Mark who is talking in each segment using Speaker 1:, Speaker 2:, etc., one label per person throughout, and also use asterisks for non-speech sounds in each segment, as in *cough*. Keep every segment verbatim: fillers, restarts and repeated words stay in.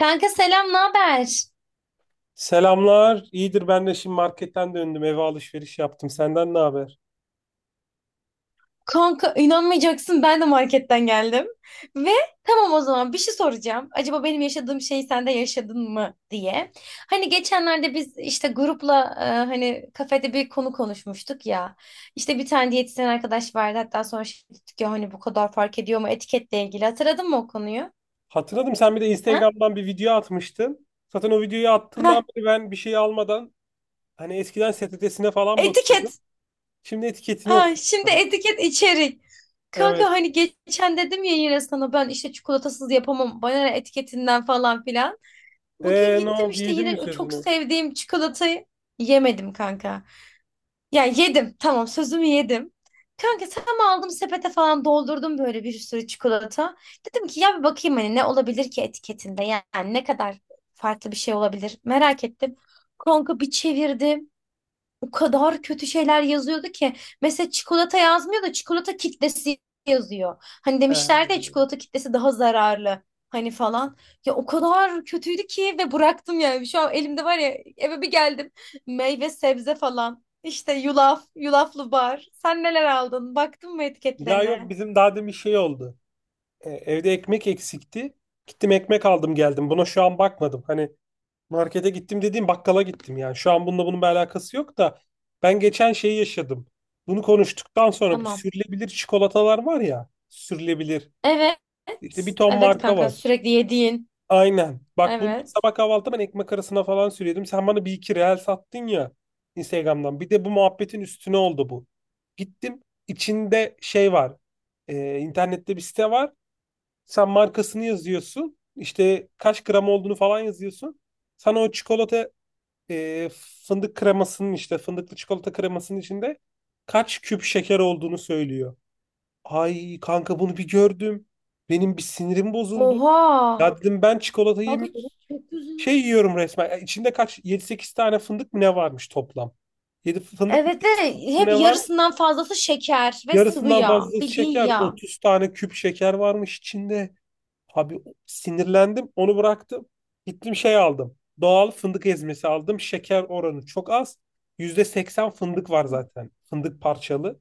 Speaker 1: Kanka selam, ne haber?
Speaker 2: Selamlar. İyidir, ben de şimdi marketten döndüm. Eve alışveriş yaptım. Senden ne haber?
Speaker 1: Kanka inanmayacaksın ben de marketten geldim. Ve tamam o zaman bir şey soracağım. Acaba benim yaşadığım şeyi sen de yaşadın mı diye. Hani geçenlerde biz işte grupla e, hani kafede bir konu konuşmuştuk ya. İşte bir tane diyetisyen arkadaş vardı. Hatta sonra şey dedik ya hani bu kadar fark ediyor mu etiketle ilgili. Hatırladın mı o konuyu?
Speaker 2: Hatırladım, sen bir de
Speaker 1: Ha?
Speaker 2: Instagram'dan bir video atmıştın. Zaten o videoyu
Speaker 1: Heh,
Speaker 2: attığından beri ben bir şey almadan hani eskiden S T T'sine falan
Speaker 1: etiket.
Speaker 2: bakıyordum. Şimdi etiketini
Speaker 1: Aa, şimdi
Speaker 2: okuyorum.
Speaker 1: etiket içerik. Kanka
Speaker 2: Evet.
Speaker 1: hani geçen dedim ya yine sana ben işte çikolatasız yapamam. Bana ne etiketinden falan filan. Bugün
Speaker 2: Ee, ne
Speaker 1: gittim
Speaker 2: oldu?
Speaker 1: işte
Speaker 2: Yedin
Speaker 1: yine
Speaker 2: mi
Speaker 1: o çok
Speaker 2: sözünü?
Speaker 1: sevdiğim çikolatayı yemedim kanka. Ya yedim tamam sözümü yedim. Kanka tam aldım sepete falan doldurdum böyle bir sürü çikolata. Dedim ki ya bir bakayım hani ne olabilir ki etiketinde yani ne kadar farklı bir şey olabilir merak ettim. Kanka bir çevirdim o kadar kötü şeyler yazıyordu ki. Mesela çikolata yazmıyor da çikolata kitlesi yazıyor. Hani demişlerdi ya
Speaker 2: He.
Speaker 1: çikolata kitlesi daha zararlı. Hani falan. Ya o kadar kötüydü ki ve bıraktım yani. Şu an elimde var ya eve bir geldim. Meyve sebze falan. İşte yulaf, yulaflı bar. Sen neler aldın? Baktın mı
Speaker 2: Ya yok,
Speaker 1: etiketlerine?
Speaker 2: bizim daha demin şey oldu. E, evde ekmek eksikti. Gittim, ekmek aldım geldim. Buna şu an bakmadım. Hani markete gittim dediğim, bakkala gittim yani. Şu an bununla bunun bir alakası yok da ben geçen şeyi yaşadım. Bunu konuştuktan sonra, bu
Speaker 1: Tamam.
Speaker 2: sürülebilir çikolatalar var ya. Sürülebilir.
Speaker 1: Evet.
Speaker 2: İşte bir ton
Speaker 1: Evet
Speaker 2: marka
Speaker 1: kanka
Speaker 2: var.
Speaker 1: sürekli yediğin.
Speaker 2: Aynen. Bak, bunu
Speaker 1: Evet.
Speaker 2: sabah kahvaltıda ben ekmek arasına falan sürüyordum. Sen bana bir iki reel sattın ya Instagram'dan. Bir de bu muhabbetin üstüne oldu bu. Gittim, içinde şey var. Ee, internette bir site var. Sen markasını yazıyorsun. İşte kaç gram olduğunu falan yazıyorsun. Sana o çikolata e, fındık kremasının, işte fındıklı çikolata kremasının içinde kaç küp şeker olduğunu söylüyor. Ay kanka, bunu bir gördüm. Benim bir sinirim bozuldu.
Speaker 1: Oha.
Speaker 2: Ya dedim, ben çikolata
Speaker 1: Kanka
Speaker 2: yemiyorum.
Speaker 1: çok güzel.
Speaker 2: Şey yiyorum resmen. Ya İçinde kaç, yedi sekiz tane fındık mı ne varmış toplam? Yedi fındık mı,
Speaker 1: Evet
Speaker 2: sekiz
Speaker 1: de
Speaker 2: fındık mı
Speaker 1: hep
Speaker 2: ne var?
Speaker 1: yarısından fazlası şeker ve sıvı
Speaker 2: Yarısından
Speaker 1: yağ.
Speaker 2: fazlası
Speaker 1: Bildiğin
Speaker 2: şeker.
Speaker 1: yağ.
Speaker 2: Otuz tane küp şeker varmış içinde. Abi sinirlendim, onu bıraktım. Gittim şey aldım, doğal fındık ezmesi aldım. Şeker oranı çok az. Yüzde seksen fındık var
Speaker 1: Hı.
Speaker 2: zaten. Fındık parçalı.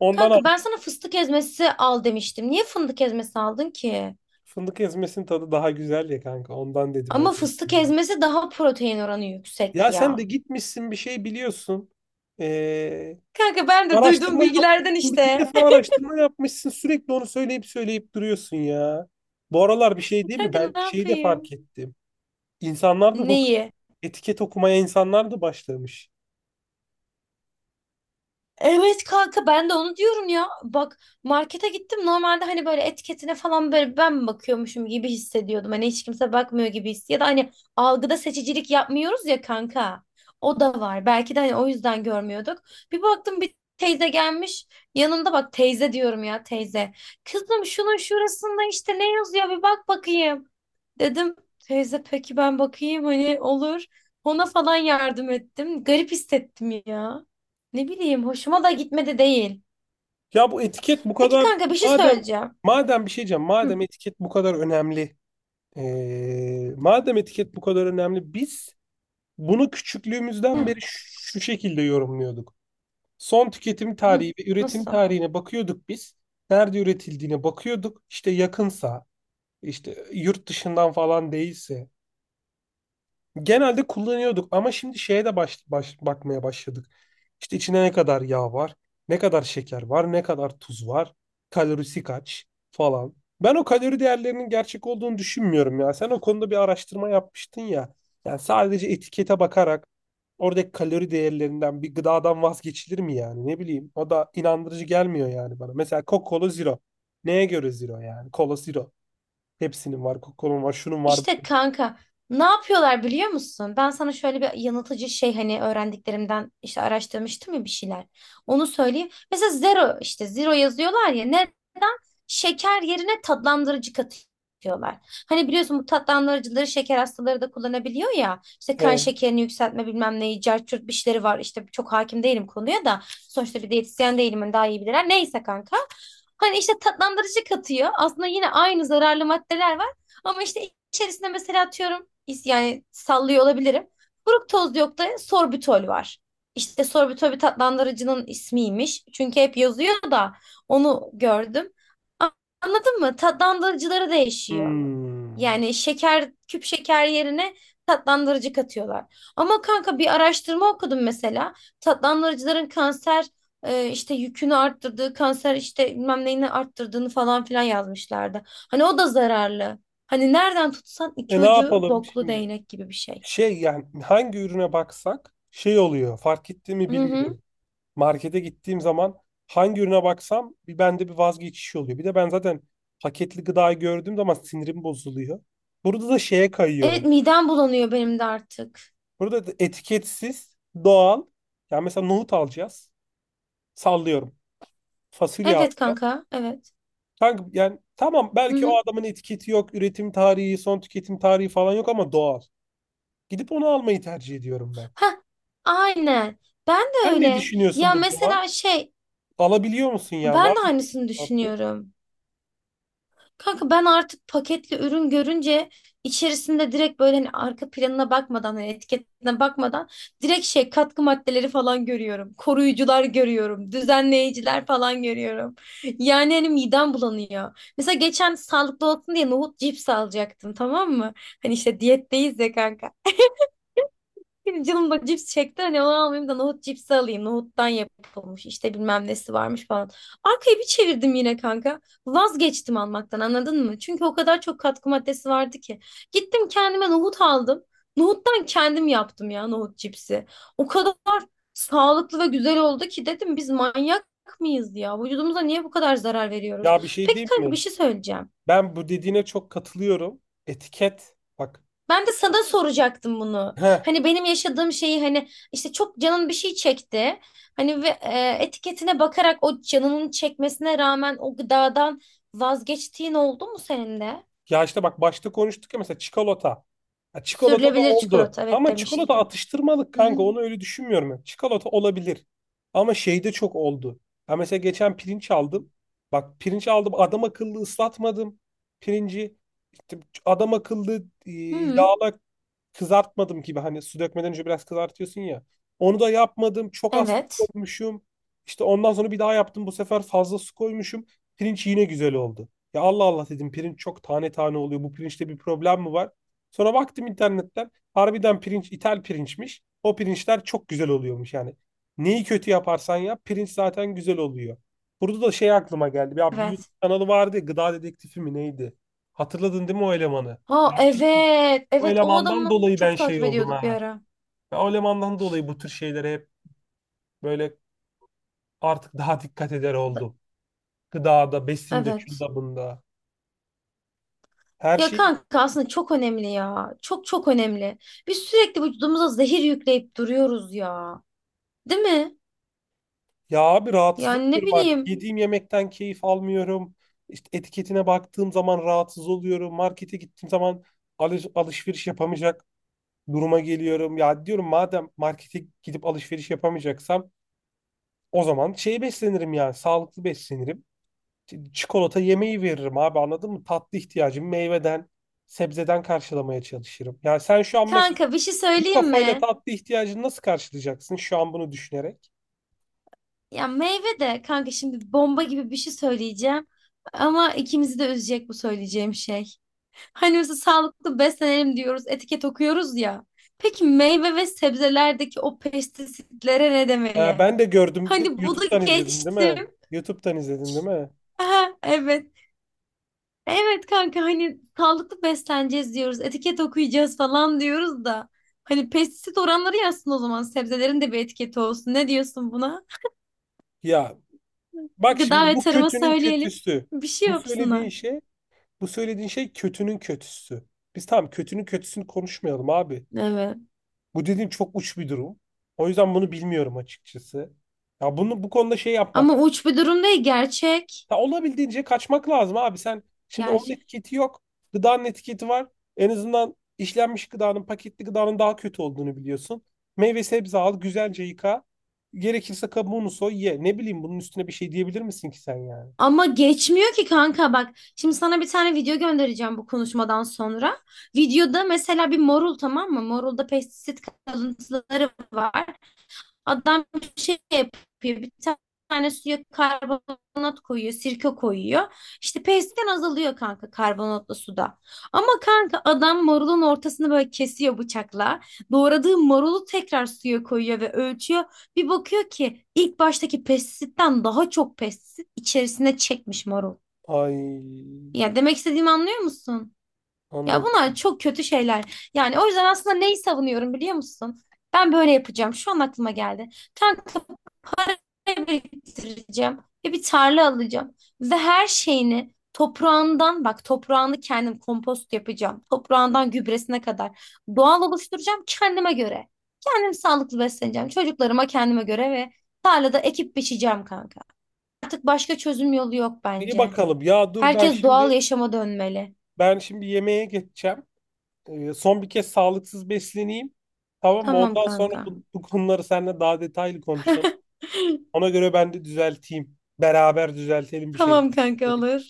Speaker 2: Ondan
Speaker 1: Kanka
Speaker 2: aldım.
Speaker 1: ben sana fıstık ezmesi al demiştim. Niye fındık ezmesi aldın ki?
Speaker 2: Fındık ezmesinin tadı daha güzel ya kanka. Ondan dedim öyle.
Speaker 1: Ama fıstık
Speaker 2: Yapayım.
Speaker 1: ezmesi daha protein oranı yüksek
Speaker 2: Ya sen
Speaker 1: ya.
Speaker 2: de gitmişsin bir şey biliyorsun. Ee,
Speaker 1: Kanka ben de duyduğum
Speaker 2: araştırma
Speaker 1: bilgilerden
Speaker 2: yapmışsın. Bir
Speaker 1: işte.
Speaker 2: defa araştırma yapmışsın. Sürekli onu söyleyip söyleyip duruyorsun ya. Bu aralar bir şey
Speaker 1: *laughs*
Speaker 2: değil mi?
Speaker 1: Kanka
Speaker 2: Ben
Speaker 1: ne
Speaker 2: şeyi de fark
Speaker 1: yapayım?
Speaker 2: ettim. İnsanlar da bu
Speaker 1: Neyi?
Speaker 2: etiket okumaya, insanlar da başlamış.
Speaker 1: Evet kanka ben de onu diyorum ya. Bak markete gittim. Normalde hani böyle etiketine falan böyle ben mi bakıyormuşum gibi hissediyordum. Hani hiç kimse bakmıyor gibi his. Ya da hani algıda seçicilik yapmıyoruz ya kanka. O da var. Belki de hani o yüzden görmüyorduk. Bir baktım bir teyze gelmiş. Yanında bak teyze diyorum ya teyze. Kızım şunun şurasında işte ne yazıyor bir bak bakayım. Dedim teyze peki ben bakayım hani olur. Ona falan yardım ettim. Garip hissettim ya. Ne bileyim hoşuma da gitmedi değil.
Speaker 2: Ya bu etiket bu
Speaker 1: Peki
Speaker 2: kadar,
Speaker 1: kanka bir şey
Speaker 2: madem
Speaker 1: söyleyeceğim.
Speaker 2: madem bir şey diyeceğim,
Speaker 1: Hı,
Speaker 2: madem etiket bu kadar önemli, eee, madem etiket bu kadar önemli, biz bunu
Speaker 1: hı,
Speaker 2: küçüklüğümüzden beri şu şu şekilde yorumluyorduk. Son tüketim
Speaker 1: hı.
Speaker 2: tarihi ve üretim
Speaker 1: Nasıl?
Speaker 2: tarihine bakıyorduk biz. Nerede üretildiğine bakıyorduk. İşte yakınsa, işte yurt dışından falan değilse, genelde kullanıyorduk. Ama şimdi şeye de baş, baş- bakmaya başladık. İşte içine ne kadar yağ var, ne kadar şeker var, ne kadar tuz var, kalorisi kaç falan. Ben o kalori değerlerinin gerçek olduğunu düşünmüyorum ya. Sen o konuda bir araştırma yapmıştın ya. Yani sadece etikete bakarak, oradaki kalori değerlerinden bir gıdadan vazgeçilir mi yani? Ne bileyim. O da inandırıcı gelmiyor yani bana. Mesela Coca-Cola Zero. Neye göre Zero yani? Cola Zero. Hepsinin var, Coca-Cola'nın var, şunun var.
Speaker 1: İşte kanka ne yapıyorlar biliyor musun? Ben sana şöyle bir yanıltıcı şey hani öğrendiklerimden işte araştırmıştım ya bir şeyler. Onu söyleyeyim. Mesela zero işte zero yazıyorlar ya neden? Şeker yerine tatlandırıcı katıyorlar. Hani biliyorsun bu tatlandırıcıları şeker hastaları da kullanabiliyor ya. İşte kan
Speaker 2: He.
Speaker 1: şekerini yükseltme bilmem neyi cart curt bir şeyleri var. İşte çok hakim değilim konuya da. Sonuçta bir diyetisyen değilim hani daha iyi bilirler. Neyse kanka. Hani işte tatlandırıcı katıyor. Aslında yine aynı zararlı maddeler var. Ama işte İçerisinde mesela atıyorum is- yani sallıyor olabilirim. Fruktoz yok da sorbitol var. İşte sorbitol bir tatlandırıcının ismiymiş. Çünkü hep yazıyor da onu gördüm. A- Anladın mı? Tatlandırıcıları değişiyor.
Speaker 2: Hmm.
Speaker 1: Yani şeker, küp şeker yerine tatlandırıcı katıyorlar. Ama kanka bir araştırma okudum mesela. Tatlandırıcıların kanser e, işte yükünü arttırdığı, kanser işte bilmem neyini arttırdığını falan filan yazmışlardı. Hani o da zararlı. Hani nereden tutsan
Speaker 2: E
Speaker 1: iki
Speaker 2: ne
Speaker 1: ucu
Speaker 2: yapalım
Speaker 1: boklu
Speaker 2: şimdi?
Speaker 1: değnek gibi bir şey.
Speaker 2: Şey yani, hangi ürüne baksak şey oluyor. Fark etti mi
Speaker 1: Hı hı.
Speaker 2: bilmiyorum. Markete gittiğim zaman, hangi ürüne baksam bir bende bir vazgeçiş oluyor. Bir de ben zaten paketli gıdayı gördüğüm zaman sinirim bozuluyor. Burada da şeye
Speaker 1: Evet
Speaker 2: kayıyorum.
Speaker 1: midem bulanıyor benim de artık.
Speaker 2: Burada da etiketsiz, doğal. Yani mesela nohut alacağız. Sallıyorum. Fasulye
Speaker 1: Evet
Speaker 2: alacağız.
Speaker 1: kanka, evet.
Speaker 2: Kanka yani tamam,
Speaker 1: Hı
Speaker 2: belki o
Speaker 1: hı.
Speaker 2: adamın etiketi yok, üretim tarihi, son tüketim tarihi falan yok ama doğal. Gidip onu almayı tercih ediyorum ben.
Speaker 1: Heh, aynen. Ben de
Speaker 2: Sen ne
Speaker 1: öyle.
Speaker 2: düşünüyorsun
Speaker 1: Ya
Speaker 2: bu duruma?
Speaker 1: mesela şey,
Speaker 2: Alabiliyor musun ya?
Speaker 1: ben
Speaker 2: Var
Speaker 1: de
Speaker 2: mı böyle bir
Speaker 1: aynısını
Speaker 2: muhabbet?
Speaker 1: düşünüyorum. Kanka ben artık paketli ürün görünce içerisinde direkt böyle hani arka planına bakmadan hani etiketine bakmadan direkt şey katkı maddeleri falan görüyorum. Koruyucular görüyorum. Düzenleyiciler falan görüyorum. Yani hani midem bulanıyor. Mesela geçen sağlıklı olsun diye nohut cips alacaktım tamam mı? Hani işte diyetteyiz ya kanka. Benim canım da cips çekti. Hani onu almayayım da nohut cipsi alayım. Nohuttan yapılmış. İşte bilmem nesi varmış falan. Arkayı bir çevirdim yine kanka. Vazgeçtim almaktan anladın mı? Çünkü o kadar çok katkı maddesi vardı ki. Gittim kendime nohut aldım. Nohuttan kendim yaptım ya nohut cipsi. O kadar sağlıklı ve güzel oldu ki dedim biz manyak mıyız ya? Vücudumuza niye bu kadar zarar veriyoruz?
Speaker 2: Ya bir şey
Speaker 1: Peki
Speaker 2: diyeyim
Speaker 1: kanka bir
Speaker 2: mi?
Speaker 1: şey söyleyeceğim.
Speaker 2: Ben bu dediğine çok katılıyorum. Etiket. Bak.
Speaker 1: Ben de sana soracaktım bunu.
Speaker 2: Heh.
Speaker 1: Hani benim yaşadığım şeyi hani işte çok canın bir şey çekti. Hani ve e, etiketine bakarak o canının çekmesine rağmen o gıdadan vazgeçtiğin oldu mu senin de?
Speaker 2: Ya işte bak, başta konuştuk ya, mesela çikolata. Ha, çikolata da
Speaker 1: Sürülebilir
Speaker 2: oldu.
Speaker 1: çikolata evet
Speaker 2: Ama çikolata
Speaker 1: demiştin.
Speaker 2: atıştırmalık
Speaker 1: Hı hı.
Speaker 2: kanka. Onu öyle düşünmüyorum ya. Çikolata olabilir. Ama şeyde çok oldu. Ya mesela geçen pirinç aldım. Bak pirinç aldım. Adam akıllı ıslatmadım. Pirinci. İşte adam akıllı e,
Speaker 1: Hı,
Speaker 2: yağla kızartmadım gibi, hani su dökmeden önce biraz kızartıyorsun ya. Onu da yapmadım. Çok az su
Speaker 1: evet.
Speaker 2: koymuşum. İşte ondan sonra bir daha yaptım. Bu sefer fazla su koymuşum. Pirinç yine güzel oldu. Ya Allah Allah dedim, pirinç çok tane tane oluyor. Bu pirinçte bir problem mi var? Sonra baktım internetten. Harbiden pirinç İtal pirinçmiş. O pirinçler çok güzel oluyormuş yani. Neyi kötü yaparsan yap, pirinç zaten güzel oluyor. Burada da şey aklıma geldi. Ya bir
Speaker 1: Evet.
Speaker 2: YouTube kanalı vardı ya, Gıda Dedektifi mi neydi? Hatırladın değil mi o elemanı? Ya
Speaker 1: Ha evet.
Speaker 2: o
Speaker 1: Evet o
Speaker 2: elemandan
Speaker 1: adamı
Speaker 2: dolayı ben
Speaker 1: çok takip
Speaker 2: şey oldum
Speaker 1: ediyorduk bir
Speaker 2: ha.
Speaker 1: ara.
Speaker 2: Ben o elemandan dolayı bu tür şeylere hep böyle artık daha dikkat eder
Speaker 1: Da-
Speaker 2: oldum. Gıdada, besinde,
Speaker 1: Evet.
Speaker 2: şunda bunda. Her
Speaker 1: Ya
Speaker 2: şey,
Speaker 1: kanka aslında çok önemli ya. Çok çok önemli. Biz sürekli vücudumuza zehir yükleyip duruyoruz ya. Değil mi?
Speaker 2: ya abi
Speaker 1: Ya
Speaker 2: rahatsız
Speaker 1: ne
Speaker 2: oluyorum artık.
Speaker 1: bileyim
Speaker 2: Yediğim yemekten keyif almıyorum. İşte etiketine baktığım zaman rahatsız oluyorum. Markete gittiğim zaman alış- alışveriş yapamayacak duruma geliyorum. Ya diyorum, madem markete gidip alışveriş yapamayacaksam, o zaman şey beslenirim yani sağlıklı beslenirim. Çikolata yemeği veririm abi, anladın mı? Tatlı ihtiyacımı meyveden, sebzeden karşılamaya çalışırım. Yani sen şu an mesela
Speaker 1: kanka bir şey
Speaker 2: bu
Speaker 1: söyleyeyim
Speaker 2: kafayla
Speaker 1: mi?
Speaker 2: tatlı ihtiyacını nasıl karşılayacaksın şu an bunu düşünerek?
Speaker 1: Ya meyve de kanka şimdi bomba gibi bir şey söyleyeceğim. Ama ikimizi de üzecek bu söyleyeceğim şey. Hani mesela sağlıklı beslenelim diyoruz, etiket okuyoruz ya. Peki meyve ve sebzelerdeki o pestisitlere ne demeli?
Speaker 2: Ha, ben de gördüm.
Speaker 1: Hani bunu
Speaker 2: YouTube'dan izledin değil
Speaker 1: geçtim.
Speaker 2: mi? YouTube'dan izledin değil mi?
Speaker 1: *laughs* Aha, evet. Evet kanka hani sağlıklı besleneceğiz diyoruz, etiket okuyacağız falan diyoruz da. Hani pestisit oranları yazsın o zaman sebzelerin de bir etiketi olsun. Ne diyorsun buna?
Speaker 2: Ya bak
Speaker 1: Gıda
Speaker 2: şimdi
Speaker 1: ve
Speaker 2: bu
Speaker 1: Tarım'a
Speaker 2: kötünün
Speaker 1: söyleyelim.
Speaker 2: kötüsü.
Speaker 1: Bir şey
Speaker 2: Bu söylediğin
Speaker 1: yapsınlar.
Speaker 2: şey Bu söylediğin şey kötünün kötüsü. Biz tamam, kötünün kötüsünü konuşmayalım abi.
Speaker 1: Evet.
Speaker 2: Bu dediğim çok uç bir durum. O yüzden bunu bilmiyorum açıkçası. Ya bunu, bu konuda şey yapmak.
Speaker 1: Ama uç bir durum değil gerçek.
Speaker 2: Ya olabildiğince kaçmak lazım abi. Sen şimdi onun
Speaker 1: Gerçek.
Speaker 2: etiketi yok. Gıdanın etiketi var. En azından işlenmiş gıdanın, paketli gıdanın daha kötü olduğunu biliyorsun. Meyve sebze al, güzelce yıka. Gerekirse kabuğunu soy, ye. Ne bileyim, bunun üstüne bir şey diyebilir misin ki sen yani?
Speaker 1: Ama geçmiyor ki kanka bak. Şimdi sana bir tane video göndereceğim bu konuşmadan sonra. Videoda mesela bir morul tamam mı? Morulda pestisit kalıntıları var. Adam bir şey yapıyor. Bir tane suya karbonat koyuyor, sirke koyuyor. İşte peyzden azalıyor kanka karbonatlı suda. Ama kanka adam marulun ortasını böyle kesiyor bıçakla. Doğradığı marulu tekrar suya koyuyor ve ölçüyor. Bir bakıyor ki ilk baştaki pestisitten daha çok pestisit içerisine çekmiş marul.
Speaker 2: Ay
Speaker 1: Ya demek istediğimi anlıyor musun? Ya
Speaker 2: anladım.
Speaker 1: bunlar çok kötü şeyler. Yani o yüzden aslında neyi savunuyorum biliyor musun? Ben böyle yapacağım. Şu an aklıma geldi. Kanka biriktireceğim ve bir tarla alacağım. Ve her şeyini toprağından bak toprağını kendim kompost yapacağım. Toprağından gübresine kadar doğal oluşturacağım kendime göre. Kendim sağlıklı besleneceğim. Çocuklarıma kendime göre ve tarlada ekip biçeceğim kanka. Artık başka çözüm yolu yok
Speaker 2: İyi
Speaker 1: bence.
Speaker 2: bakalım. Ya dur ben
Speaker 1: Herkes doğal
Speaker 2: şimdi,
Speaker 1: yaşama dönmeli.
Speaker 2: ben şimdi yemeğe geçeceğim. Ee, son bir kez sağlıksız besleneyim. Tamam mı?
Speaker 1: Tamam
Speaker 2: Ondan sonra
Speaker 1: kanka.
Speaker 2: bu, bu konuları seninle daha detaylı konuşalım.
Speaker 1: *laughs*
Speaker 2: Ona göre ben de düzelteyim. Beraber düzeltelim bir şey.
Speaker 1: Tamam kanka olur.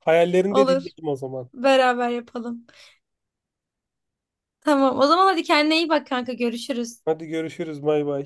Speaker 2: Hayallerini de
Speaker 1: Olur.
Speaker 2: dinledim o zaman.
Speaker 1: Beraber yapalım. Tamam. O zaman hadi kendine iyi bak kanka. Görüşürüz.
Speaker 2: Hadi görüşürüz. Bay bay.